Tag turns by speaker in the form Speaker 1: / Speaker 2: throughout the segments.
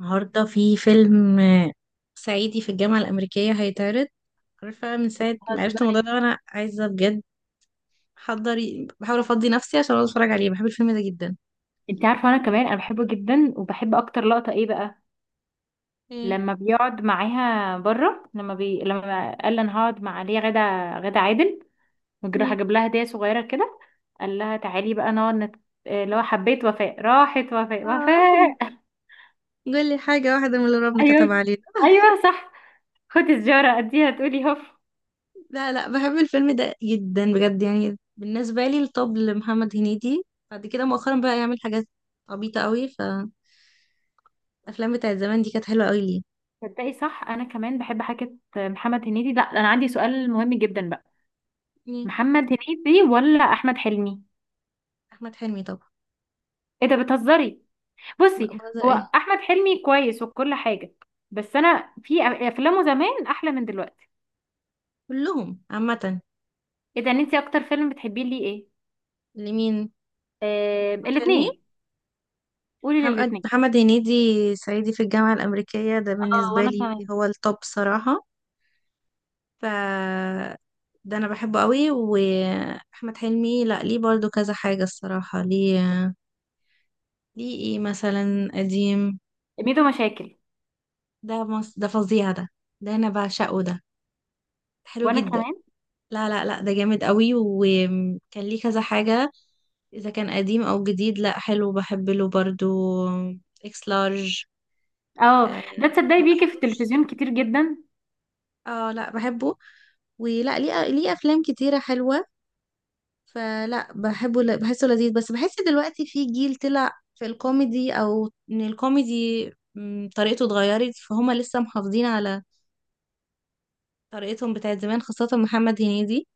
Speaker 1: النهاردة في فيلم صعيدي في الجامعة الأمريكية هيتعرض. عارفة، من ساعة ما عرفت الموضوع
Speaker 2: بتهزري؟
Speaker 1: ده وأنا عايزة بجد أحضر. بحاول أفضي نفسي عشان أقعد أتفرج عليه. بحب الفيلم ده جدا.
Speaker 2: انت عارفه انا كمان انا بحبه جدا، وبحب اكتر لقطه ايه بقى؟
Speaker 1: ايه.
Speaker 2: لما بيقعد معاها بره، لما قال لها انا هقعد مع ليا غدا عادل، وجراح
Speaker 1: مم.
Speaker 2: جاب لها هديه صغيره كده. قال لها تعالي بقى نقعد اللي هو حبيت وفاء، راحت وفاء
Speaker 1: اه. قولي حاجة واحدة من اللي ربنا كتب
Speaker 2: ايوه.
Speaker 1: علينا
Speaker 2: ايوه صح. خدي سجاره اديها تقولي هف.
Speaker 1: لا، لا، بحب الفيلم ده جدا بجد. يعني بالنسبة لي الطب لمحمد هنيدي. بعد كده مؤخرا بقى يعمل حاجات عبيطة قوي. فالأفلام بتاعت زمان دي كانت حلوة قوي ليه.
Speaker 2: تصدقي صح انا كمان بحب حاجه محمد هنيدي. لا انا عندي سؤال مهم جدا بقى،
Speaker 1: مين؟
Speaker 2: محمد هنيدي ولا احمد حلمي؟
Speaker 1: أحمد حلمي طبعا.
Speaker 2: ايه ده، بتهزري؟
Speaker 1: لا،
Speaker 2: بصي،
Speaker 1: بهزر ايه.
Speaker 2: هو احمد حلمي كويس وكل حاجه، بس انا في افلامه زمان احلى من دلوقتي.
Speaker 1: كلهم عامة.
Speaker 2: ايه ده، انت اكتر فيلم بتحبيه ليه ايه؟
Speaker 1: لمين؟
Speaker 2: آه،
Speaker 1: أحمد حلمي.
Speaker 2: الاثنين. قولي
Speaker 1: محمد
Speaker 2: للاثنين.
Speaker 1: محمد هنيدي. صعيدي في الجامعة الأمريكية ده
Speaker 2: اه،
Speaker 1: بالنسبة
Speaker 2: وانا
Speaker 1: لي
Speaker 2: كمان.
Speaker 1: هو التوب صراحة. ف ده أنا بحبه قوي. وأحمد حلمي لأ ليه برضو كذا حاجة الصراحة. ليه؟ ليه إيه مثلا قديم؟
Speaker 2: ميدو مشاكل.
Speaker 1: ده فظيع ده. ده أنا بعشقه ده. حلو
Speaker 2: وانا
Speaker 1: جدا.
Speaker 2: كمان.
Speaker 1: لا، لا، لا، ده جامد قوي وكان ليه كذا حاجة. إذا كان قديم أو جديد لأ حلو، بحب له برضو. إكس لارج.
Speaker 2: اه ده،
Speaker 1: أه.
Speaker 2: تصدقي
Speaker 1: ما
Speaker 2: بيجي في
Speaker 1: بحبوش.
Speaker 2: التلفزيون كتير جدا.
Speaker 1: اه، لا بحبه. ولا، ليه افلام كتيره حلوه. فلا بحبه، بحسه لذيذ. بس بحس دلوقتي في جيل طلع في الكوميدي او ان الكوميدي طريقته اتغيرت. فهما لسه محافظين على طريقتهم بتاعت زمان، خاصه محمد هنيدي.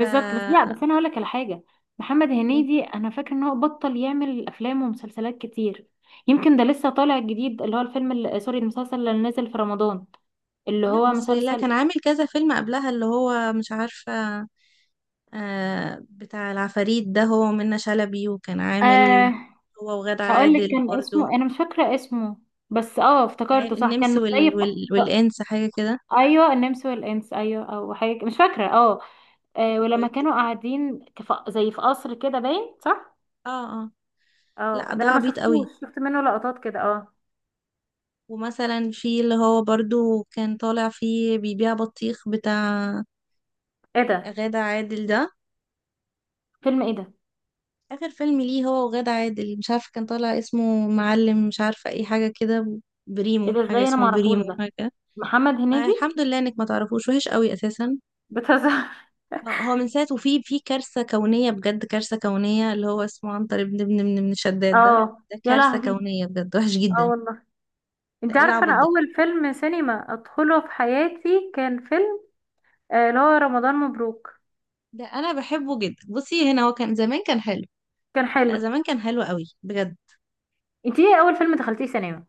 Speaker 1: ف
Speaker 2: بس لا، بس انا هقول لك على حاجه. محمد
Speaker 1: إيه،
Speaker 2: هنيدي انا فاكره ان هو بطل يعمل افلام ومسلسلات كتير. يمكن ده لسه طالع جديد، اللي هو الفيلم اللي- سوري المسلسل اللي نزل في رمضان، اللي
Speaker 1: لا
Speaker 2: هو
Speaker 1: بس لا،
Speaker 2: مسلسل.
Speaker 1: كان عامل كذا فيلم قبلها اللي هو مش عارفه. آه، بتاع العفاريت ده هو ومنة شلبي، وكان عامل
Speaker 2: آه
Speaker 1: هو وغادة
Speaker 2: هقول لك
Speaker 1: عادل
Speaker 2: كان
Speaker 1: برضو.
Speaker 2: اسمه، انا مش فاكره اسمه، بس افتكرته صح،
Speaker 1: النمس
Speaker 2: كانوا زي ف...
Speaker 1: والانس حاجه كده.
Speaker 2: ايوه، النمس والانس، ايوه او حاجه، مش فاكره. اه. آه، ولما كانوا قاعدين زي في قصر كده باين صح.
Speaker 1: اه. اه،
Speaker 2: اه،
Speaker 1: لا
Speaker 2: ده
Speaker 1: ده
Speaker 2: انا ما
Speaker 1: عبيط
Speaker 2: شفتوش،
Speaker 1: قوي.
Speaker 2: شفت منه لقطات كده. اه.
Speaker 1: ومثلا في اللي هو برضو كان طالع فيه بيبيع بطيخ بتاع
Speaker 2: ايه ده؟
Speaker 1: غادة عادل ده.
Speaker 2: فيلم ايه ده؟
Speaker 1: آخر فيلم ليه هو وغادة عادل مش عارفة، كان طالع اسمه معلم مش عارفة اي حاجة كده.
Speaker 2: ايه
Speaker 1: بريمو
Speaker 2: ده،
Speaker 1: حاجة،
Speaker 2: ازاي انا
Speaker 1: اسمه
Speaker 2: ما اعرفوش
Speaker 1: البريمو
Speaker 2: ده،
Speaker 1: حاجة.
Speaker 2: محمد هنيدي؟
Speaker 1: الحمد لله انك ما تعرفوش، وحش قوي اساسا.
Speaker 2: بتهزر.
Speaker 1: هو من ساعة، وفي كارثة كونية بجد. كارثة كونية اللي هو اسمه عنتر ابن ابن ابن ابن شداد ده.
Speaker 2: اه،
Speaker 1: ده
Speaker 2: يا
Speaker 1: كارثة
Speaker 2: لهوي.
Speaker 1: كونية بجد، وحش
Speaker 2: اه
Speaker 1: جدا.
Speaker 2: والله.
Speaker 1: ده
Speaker 2: انت
Speaker 1: ايه
Speaker 2: عارفه
Speaker 1: العبط
Speaker 2: انا
Speaker 1: ده؟
Speaker 2: اول فيلم سينما ادخله في حياتي كان فيلم اللي هو رمضان مبروك.
Speaker 1: ده انا بحبه جدا. بصي هنا هو كان زمان كان حلو.
Speaker 2: كان حلو.
Speaker 1: لا، زمان كان حلو قوي بجد.
Speaker 2: انت ايه اول فيلم دخلتيه سينما؟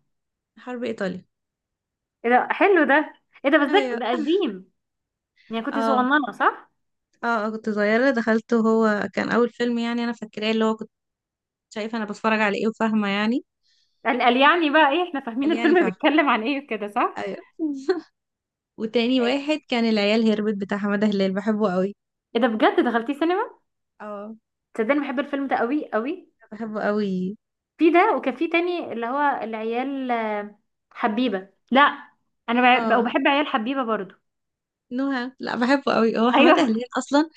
Speaker 1: حرب ايطاليا.
Speaker 2: ايه ده حلو ده. ايه ده، بس ده
Speaker 1: ايوه.
Speaker 2: ده قديم. يعني كنت
Speaker 1: اه،
Speaker 2: صغننه صح؟
Speaker 1: اه. كنت صغيرة دخلته. هو كان اول فيلم، يعني انا فاكراه اللي هو كنت شايفة انا بتفرج على ايه وفاهمة يعني.
Speaker 2: قال يعني بقى ايه، احنا فاهمين
Speaker 1: قال يعني
Speaker 2: الفيلم
Speaker 1: فاهمة.
Speaker 2: بيتكلم عن ايه كده صح؟
Speaker 1: ايوه. وتاني واحد كان العيال هربت بتاع حمادة هلال، بحبه قوي.
Speaker 2: ايه ده، بجد دخلتيه سينما؟
Speaker 1: اه.
Speaker 2: تصدقني بحب الفيلم ده قوي قوي.
Speaker 1: بحبه قوي.
Speaker 2: في ده، وكان في تاني اللي هو العيال، حبيبه. لا انا
Speaker 1: اه.
Speaker 2: وبحب عيال حبيبه برضو.
Speaker 1: نهى، لا بحبه قوي هو حمادة
Speaker 2: ايوه.
Speaker 1: هلال اصلا.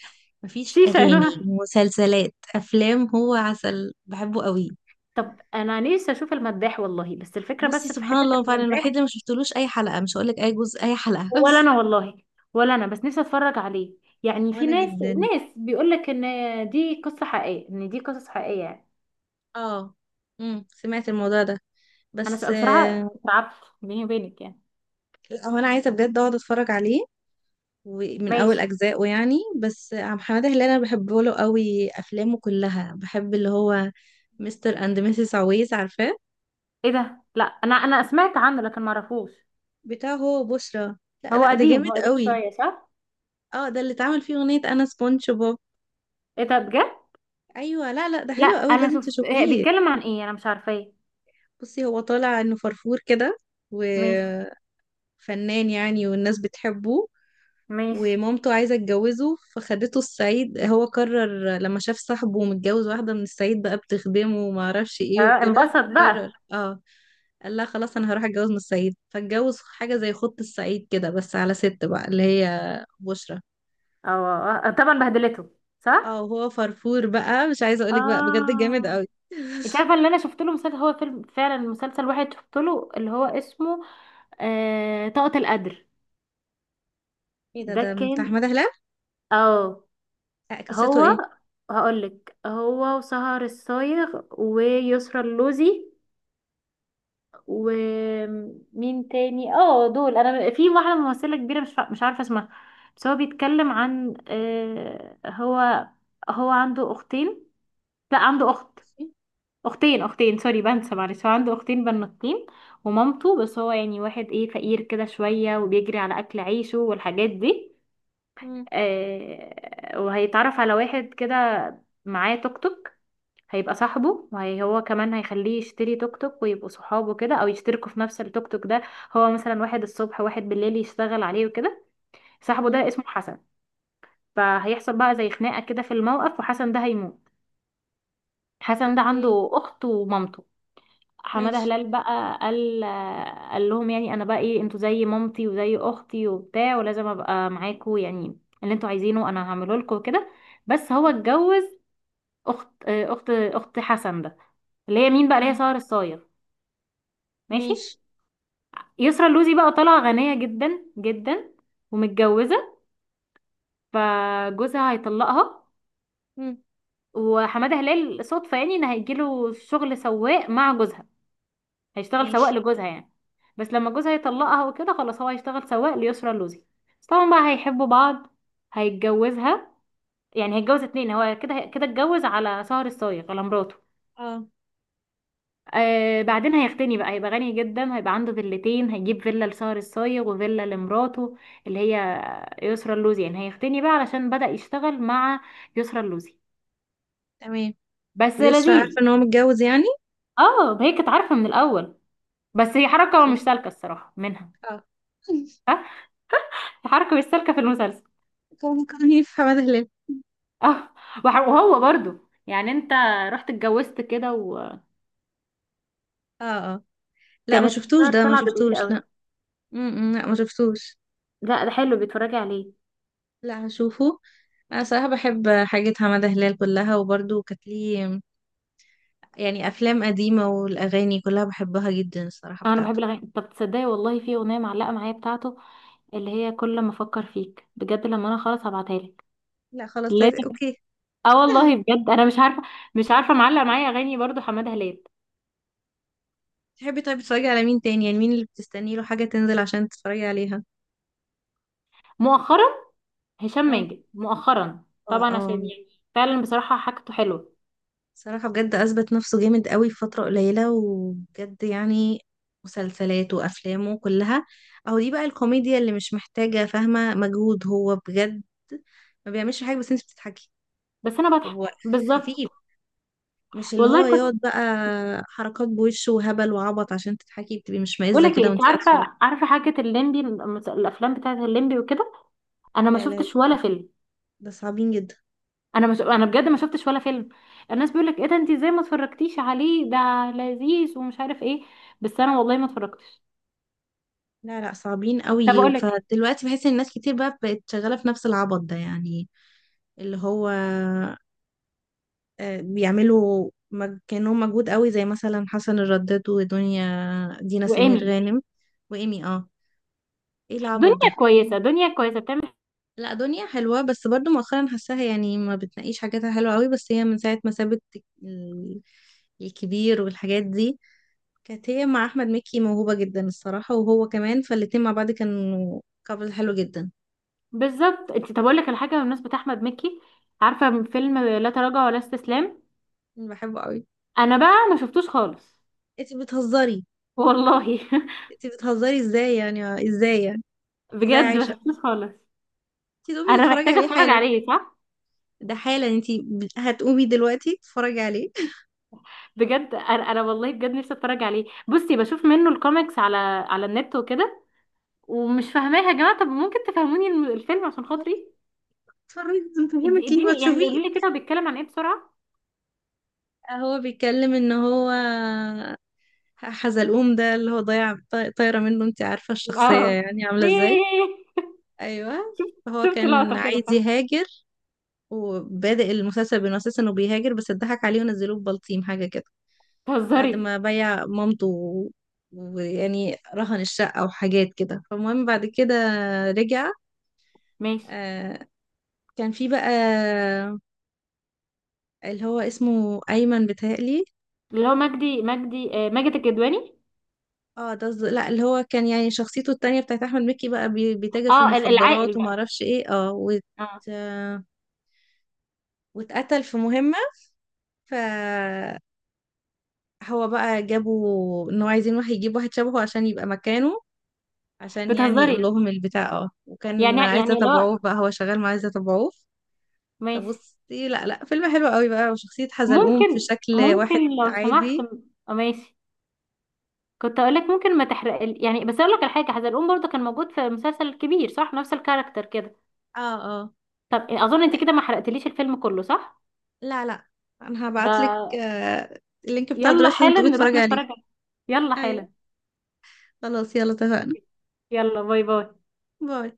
Speaker 1: مفيش
Speaker 2: شيشه يا
Speaker 1: اغاني،
Speaker 2: نهى.
Speaker 1: مسلسلات، افلام، هو عسل بحبه قوي.
Speaker 2: طب انا نفسي اشوف المداح والله، بس الفكره
Speaker 1: بصي،
Speaker 2: بس في
Speaker 1: سبحان
Speaker 2: حته
Speaker 1: الله فعلا الوحيد
Speaker 2: المداح.
Speaker 1: اللي ما شفتلوش اي حلقة، مش هقولك اي جزء، اي حلقة
Speaker 2: ولا انا والله. ولا انا، بس نفسي اتفرج عليه. يعني في
Speaker 1: وانا
Speaker 2: ناس
Speaker 1: جدا.
Speaker 2: ناس بيقول لك ان دي قصص حقيقيه يعني.
Speaker 1: اه. سمعت الموضوع ده بس
Speaker 2: بصراحه
Speaker 1: آه،
Speaker 2: اترعبت، بيني وبينك يعني.
Speaker 1: لا، هو انا عايزه بجد اقعد اتفرج عليه. ومن اول
Speaker 2: ماشي.
Speaker 1: اجزائه يعني. بس عم حماده هلال انا بحبه له قوي، افلامه كلها بحب، اللي هو مستر اند ميسيس عويس، عارفاه؟
Speaker 2: ايه ده، لا انا سمعت عنه لكن ما اعرفوش.
Speaker 1: بتاعه هو بشرى. لا،
Speaker 2: هو
Speaker 1: لا، ده
Speaker 2: قديم، هو
Speaker 1: جامد
Speaker 2: قديم
Speaker 1: قوي.
Speaker 2: شويه صح؟
Speaker 1: اه، ده اللي اتعمل فيه اغنيه انا سبونج بوب.
Speaker 2: ايه ده بجد.
Speaker 1: ايوه، لا، لا، ده
Speaker 2: لا
Speaker 1: حلو قوي
Speaker 2: انا
Speaker 1: لازم
Speaker 2: شفت إيه
Speaker 1: تشوفيه.
Speaker 2: بيتكلم عن ايه، انا مش عارفه ايه.
Speaker 1: بصي هو طالع انه فرفور كده
Speaker 2: ماشي.
Speaker 1: وفنان، يعني والناس بتحبه.
Speaker 2: ماشي.
Speaker 1: ومامته عايزة تجوزه، فخدته الصعيد. هو قرر لما شاف صاحبه متجوز واحدة من الصعيد بقى بتخدمه وما اعرفش ايه
Speaker 2: اه،
Speaker 1: وكده،
Speaker 2: انبسط
Speaker 1: قرر
Speaker 2: بقى.
Speaker 1: اه، قال لها خلاص انا هروح اتجوز من الصعيد. فاتجوز حاجة زي خط الصعيد كده، بس على ست بقى اللي هي بشرى.
Speaker 2: اه. آه، طبعا بهدلته
Speaker 1: اه،
Speaker 2: صح.
Speaker 1: وهو فرفور بقى، مش عايزة اقولك بقى بجد جامد
Speaker 2: اه.
Speaker 1: قوي.
Speaker 2: انت عارفه، اللي انا شفت له مسلسل هو فيلم فعلا، مسلسل واحد شفت له اللي هو اسمه طاقة القدر.
Speaker 1: ايه ده
Speaker 2: ده
Speaker 1: ده
Speaker 2: كان.
Speaker 1: بتاع احمد هلال.
Speaker 2: اه
Speaker 1: قصته
Speaker 2: هو
Speaker 1: ايه؟
Speaker 2: هقولك، هو وسهر الصايغ ويسرى اللوزي، ومين تاني؟ اه دول. انا في واحده ممثله كبيره مش عارفه اسمها. بس هو بيتكلم عن هو عنده اختين. لا عنده اخت، اختين سوري، بنسى معلش. هو عنده اختين بنوتين، ومامته. بس هو يعني واحد ايه فقير كده شوية، وبيجري على اكل عيشه والحاجات دي.
Speaker 1: مم.
Speaker 2: آه، وهيتعرف على واحد كده معاه توك توك، هيبقى صاحبه. هو كمان هيخليه يشتري توك توك ويبقوا صحابه كده، او يشتركوا في نفس التوك توك ده. هو مثلا واحد الصبح، واحد بالليل يشتغل عليه وكده. صاحبه
Speaker 1: مم.
Speaker 2: ده اسمه حسن. فهيحصل بقى زي خناقة كده في الموقف، وحسن ده هيموت. حسن ده
Speaker 1: اوكي.
Speaker 2: عنده اخت ومامته. حمادة
Speaker 1: ماشي.
Speaker 2: هلال بقى قال لهم يعني انا بقى ايه، انتوا زي مامتي وزي اختي وبتاع، ولازم ابقى معاكوا، يعني اللي انتوا عايزينه انا هعمله لكم وكده. بس هو
Speaker 1: مم.
Speaker 2: اتجوز اخت حسن ده، اللي هي مين بقى؟ اللي هي
Speaker 1: تمام.
Speaker 2: سهر الصايغ. ماشي.
Speaker 1: ماشي.
Speaker 2: يسرا اللوزي بقى طالعة غنية جدا جدا، ومتجوزة، فجوزها هيطلقها.
Speaker 1: مم.
Speaker 2: وحمادة هلال صدفة، يعني، ان هيجيله شغل سواق مع جوزها، هيشتغل سواق
Speaker 1: ماشي.
Speaker 2: لجوزها يعني. بس لما جوزها يطلقها وكده خلاص، هو هيشتغل سواق ليسرى اللوزي. بس طبعا بقى هيحبوا بعض، هيتجوزها. يعني هيتجوز اتنين، هو كده كده اتجوز على سهر الصايغ، على مراته.
Speaker 1: اه.
Speaker 2: آه، بعدين هيغتني بقى، هيبقى غني جدا، هيبقى عنده فيلتين، هيجيب فيلا لسهر الصايغ وفيلا لمراته اللي هي يسرى اللوزي، يعني هيغتني بقى علشان بدأ يشتغل مع يسرى اللوزي.
Speaker 1: تمام.
Speaker 2: بس
Speaker 1: ويسرا عارفة
Speaker 2: لذيذ.
Speaker 1: ان هو متجوز يعني.
Speaker 2: اه، هي كانت عارفة من الأول، بس هي حركة
Speaker 1: اوكي.
Speaker 2: مش سالكة الصراحة منها.
Speaker 1: اه.
Speaker 2: ها، حركة مش سالكة في المسلسل.
Speaker 1: كان هي في حمادة هلال.
Speaker 2: اه، وهو برضو يعني، انت رحت اتجوزت كده،
Speaker 1: اه، اه. لا ما
Speaker 2: وكانت
Speaker 1: شفتوش، ده ما
Speaker 2: طالعه بتغير
Speaker 1: شفتوش،
Speaker 2: قوي.
Speaker 1: لا. م-م. لا ما شفتوش.
Speaker 2: لا ده حلو، بيتفرجي عليه.
Speaker 1: لا، هشوفه. انا صراحة بحب حاجة حمادة هلال كلها، وبرضه كانت ليه يعني افلام قديمة، والاغاني كلها بحبها جدا الصراحة
Speaker 2: آه، انا بحب
Speaker 1: بتاعته.
Speaker 2: الاغاني. طب تصدقي والله، في اغنيه معلقه معايا بتاعته اللي هي كل ما افكر فيك بجد، لما انا خلاص هبعتها لك.
Speaker 1: لا خلاص، لازم.
Speaker 2: لازم.
Speaker 1: اوكي.
Speaker 2: اه والله بجد انا مش عارفه معلق معايا اغاني برضو حماده هلال.
Speaker 1: تحبي طيب تتفرجي على مين تاني؟ يعني مين اللي بتستني له حاجة تنزل عشان تتفرجي عليها؟
Speaker 2: مؤخرا هشام
Speaker 1: اه،
Speaker 2: ماجد، مؤخرا
Speaker 1: اه،
Speaker 2: طبعا، عشان
Speaker 1: اه.
Speaker 2: يعني فعلا بصراحه حاجته حلوه.
Speaker 1: صراحة بجد أثبت نفسه جامد قوي في فترة قليلة، وبجد يعني مسلسلاته وأفلامه كلها، أهو دي بقى الكوميديا اللي مش محتاجة، فاهمة، مجهود. هو بجد ما بيعملش حاجة بس انت بتضحكي.
Speaker 2: بس انا بضحك
Speaker 1: هو خفيف،
Speaker 2: بالظبط
Speaker 1: مش اللي هو
Speaker 2: والله.
Speaker 1: يقعد بقى حركات بوشه وهبل وعبط عشان تضحكي. بتبقي مش
Speaker 2: بقول
Speaker 1: معزة
Speaker 2: لك ايه،
Speaker 1: كده
Speaker 2: انت
Speaker 1: وانت قاعدة تتفرجي.
Speaker 2: عارفه حاجه الليمبي، الافلام بتاعه الليمبي وكده، انا ما
Speaker 1: لا، لا، لا،
Speaker 2: شفتش ولا فيلم.
Speaker 1: ده صعبين جدا.
Speaker 2: انا بجد ما شفتش ولا فيلم. الناس بيقول لك ايه ده، انت ازاي ما اتفرجتيش عليه؟ ده لذيذ ومش عارف ايه. بس انا والله ما اتفرجتش.
Speaker 1: لا، لا، صعبين
Speaker 2: طب
Speaker 1: قوي.
Speaker 2: اقول لك.
Speaker 1: فدلوقتي بحس ان الناس كتير بقى بقت شغالة في نفس العبط ده يعني، اللي هو بيعملوا كانوا مجهود قوي، زي مثلا حسن الرداد، ودنيا، دينا سمير
Speaker 2: وايمي.
Speaker 1: غانم، وإيمي. اه. ايه العبط
Speaker 2: دنيا
Speaker 1: ده؟
Speaker 2: كويسه دنيا كويسه بتعمل.
Speaker 1: لا، دنيا حلوة، بس برضو مؤخرا حاساها يعني ما بتناقيش حاجاتها حلوة قوي، بس هي من ساعة ما سابت ال- الكبير والحاجات دي، كانت هي مع أحمد مكي موهوبة جدا الصراحة، وهو كمان، فالاتنين مع بعض كانوا كابل حلو جدا.
Speaker 2: بالظبط، انت طب اقول لك الحاجه بالنسبه احمد مكي، عارفه من فيلم لا تراجع ولا استسلام؟
Speaker 1: أنا بحبه قوي.
Speaker 2: انا بقى ما شفتوش خالص
Speaker 1: انتي بتهزري؟
Speaker 2: والله.
Speaker 1: انتي بتهزري ازاي يعني؟ ازاي يعني؟ ازاي
Speaker 2: بجد ما
Speaker 1: عايشة؟
Speaker 2: شفتوش خالص.
Speaker 1: انتي تقومي
Speaker 2: انا
Speaker 1: تتفرجي
Speaker 2: محتاجه
Speaker 1: عليه
Speaker 2: اتفرج
Speaker 1: حالا.
Speaker 2: عليه صح.
Speaker 1: ده حالا، انتي هتقومي دلوقتي تتفرجي عليه.
Speaker 2: بجد انا والله بجد نفسي اتفرج عليه. بصي بشوف منه الكوميكس على النت وكده. ومش فاهماها يا جماعه، طب ممكن تفهموني الفيلم عشان خاطري؟
Speaker 1: اتفرجي، لازم تفهمك ليه
Speaker 2: اديني يعني،
Speaker 1: وتشوفيه.
Speaker 2: قولي لي كده هو بيتكلم عن ايه بسرعه.
Speaker 1: هو بيتكلم ان هو حزلقوم ده اللي هو ضايع، طايرة منه. انتي عارفة الشخصية
Speaker 2: اه.
Speaker 1: يعني عاملة ازاي.
Speaker 2: إيه.
Speaker 1: ايوه.
Speaker 2: شفت
Speaker 1: فهو
Speaker 2: شفت
Speaker 1: كان
Speaker 2: لقطه كده
Speaker 1: عايز
Speaker 2: فاهمه.
Speaker 1: يهاجر، وبادئ المسلسل بانه اساسا انه بيهاجر، بس اتضحك عليه ونزلوه ببلطيم حاجة كده، بعد
Speaker 2: بتهزري.
Speaker 1: ما بيع مامته ويعني رهن الشقة وحاجات كده. فالمهم بعد كده رجع.
Speaker 2: ماشي.
Speaker 1: آه، كان في بقى اللي هو اسمه أيمن بيتهيألي.
Speaker 2: اللي هو مجدي مجدي آه، ماجد الكدواني.
Speaker 1: اه، لا، اللي هو كان يعني شخصيته التانية بتاعت أحمد مكي بقى، بيتاجر في
Speaker 2: اه،
Speaker 1: المخدرات
Speaker 2: العاقل بقى.
Speaker 1: ومعرفش ايه اه
Speaker 2: اه،
Speaker 1: آه، واتقتل في مهمة. فهو بقى جابوا ان هو عايزين واحد يجيب واحد شبهه عشان يبقى مكانه، عشان يعني يقول
Speaker 2: بتهزري
Speaker 1: لهم البتاع اه، وكان
Speaker 2: يعني
Speaker 1: عايزة
Speaker 2: يعني اللي هو
Speaker 1: تبعوه بقى هو شغال مع عايزة تبعوه.
Speaker 2: ماشي.
Speaker 1: فبصي، لا، لا، فيلم حلو قوي بقى، وشخصية حزلقوم في
Speaker 2: ممكن
Speaker 1: شكل واحد.
Speaker 2: ممكن لو سمحت
Speaker 1: عادي.
Speaker 2: آه، ماشي. كنت اقول لك ممكن ما تحرق يعني، بس اقول لك على حاجه، حزلقوم برضه كان موجود في مسلسل كبير صح، نفس الكاركتر كده.
Speaker 1: اه، اه.
Speaker 2: طب اظن انت كده ما حرقتليش الفيلم كله صح؟
Speaker 1: لا، لا، انا هبعتلك
Speaker 2: ده
Speaker 1: آه، اللينك بتاع
Speaker 2: يلا
Speaker 1: دلوقتي. لازم
Speaker 2: حالا
Speaker 1: تقومي
Speaker 2: نروح
Speaker 1: تتفرجي
Speaker 2: نتفرج
Speaker 1: عليه.
Speaker 2: عليه. يلا
Speaker 1: ايوه،
Speaker 2: حالا.
Speaker 1: خلاص يلا اتفقنا.
Speaker 2: يلا، باي باي.
Speaker 1: باي.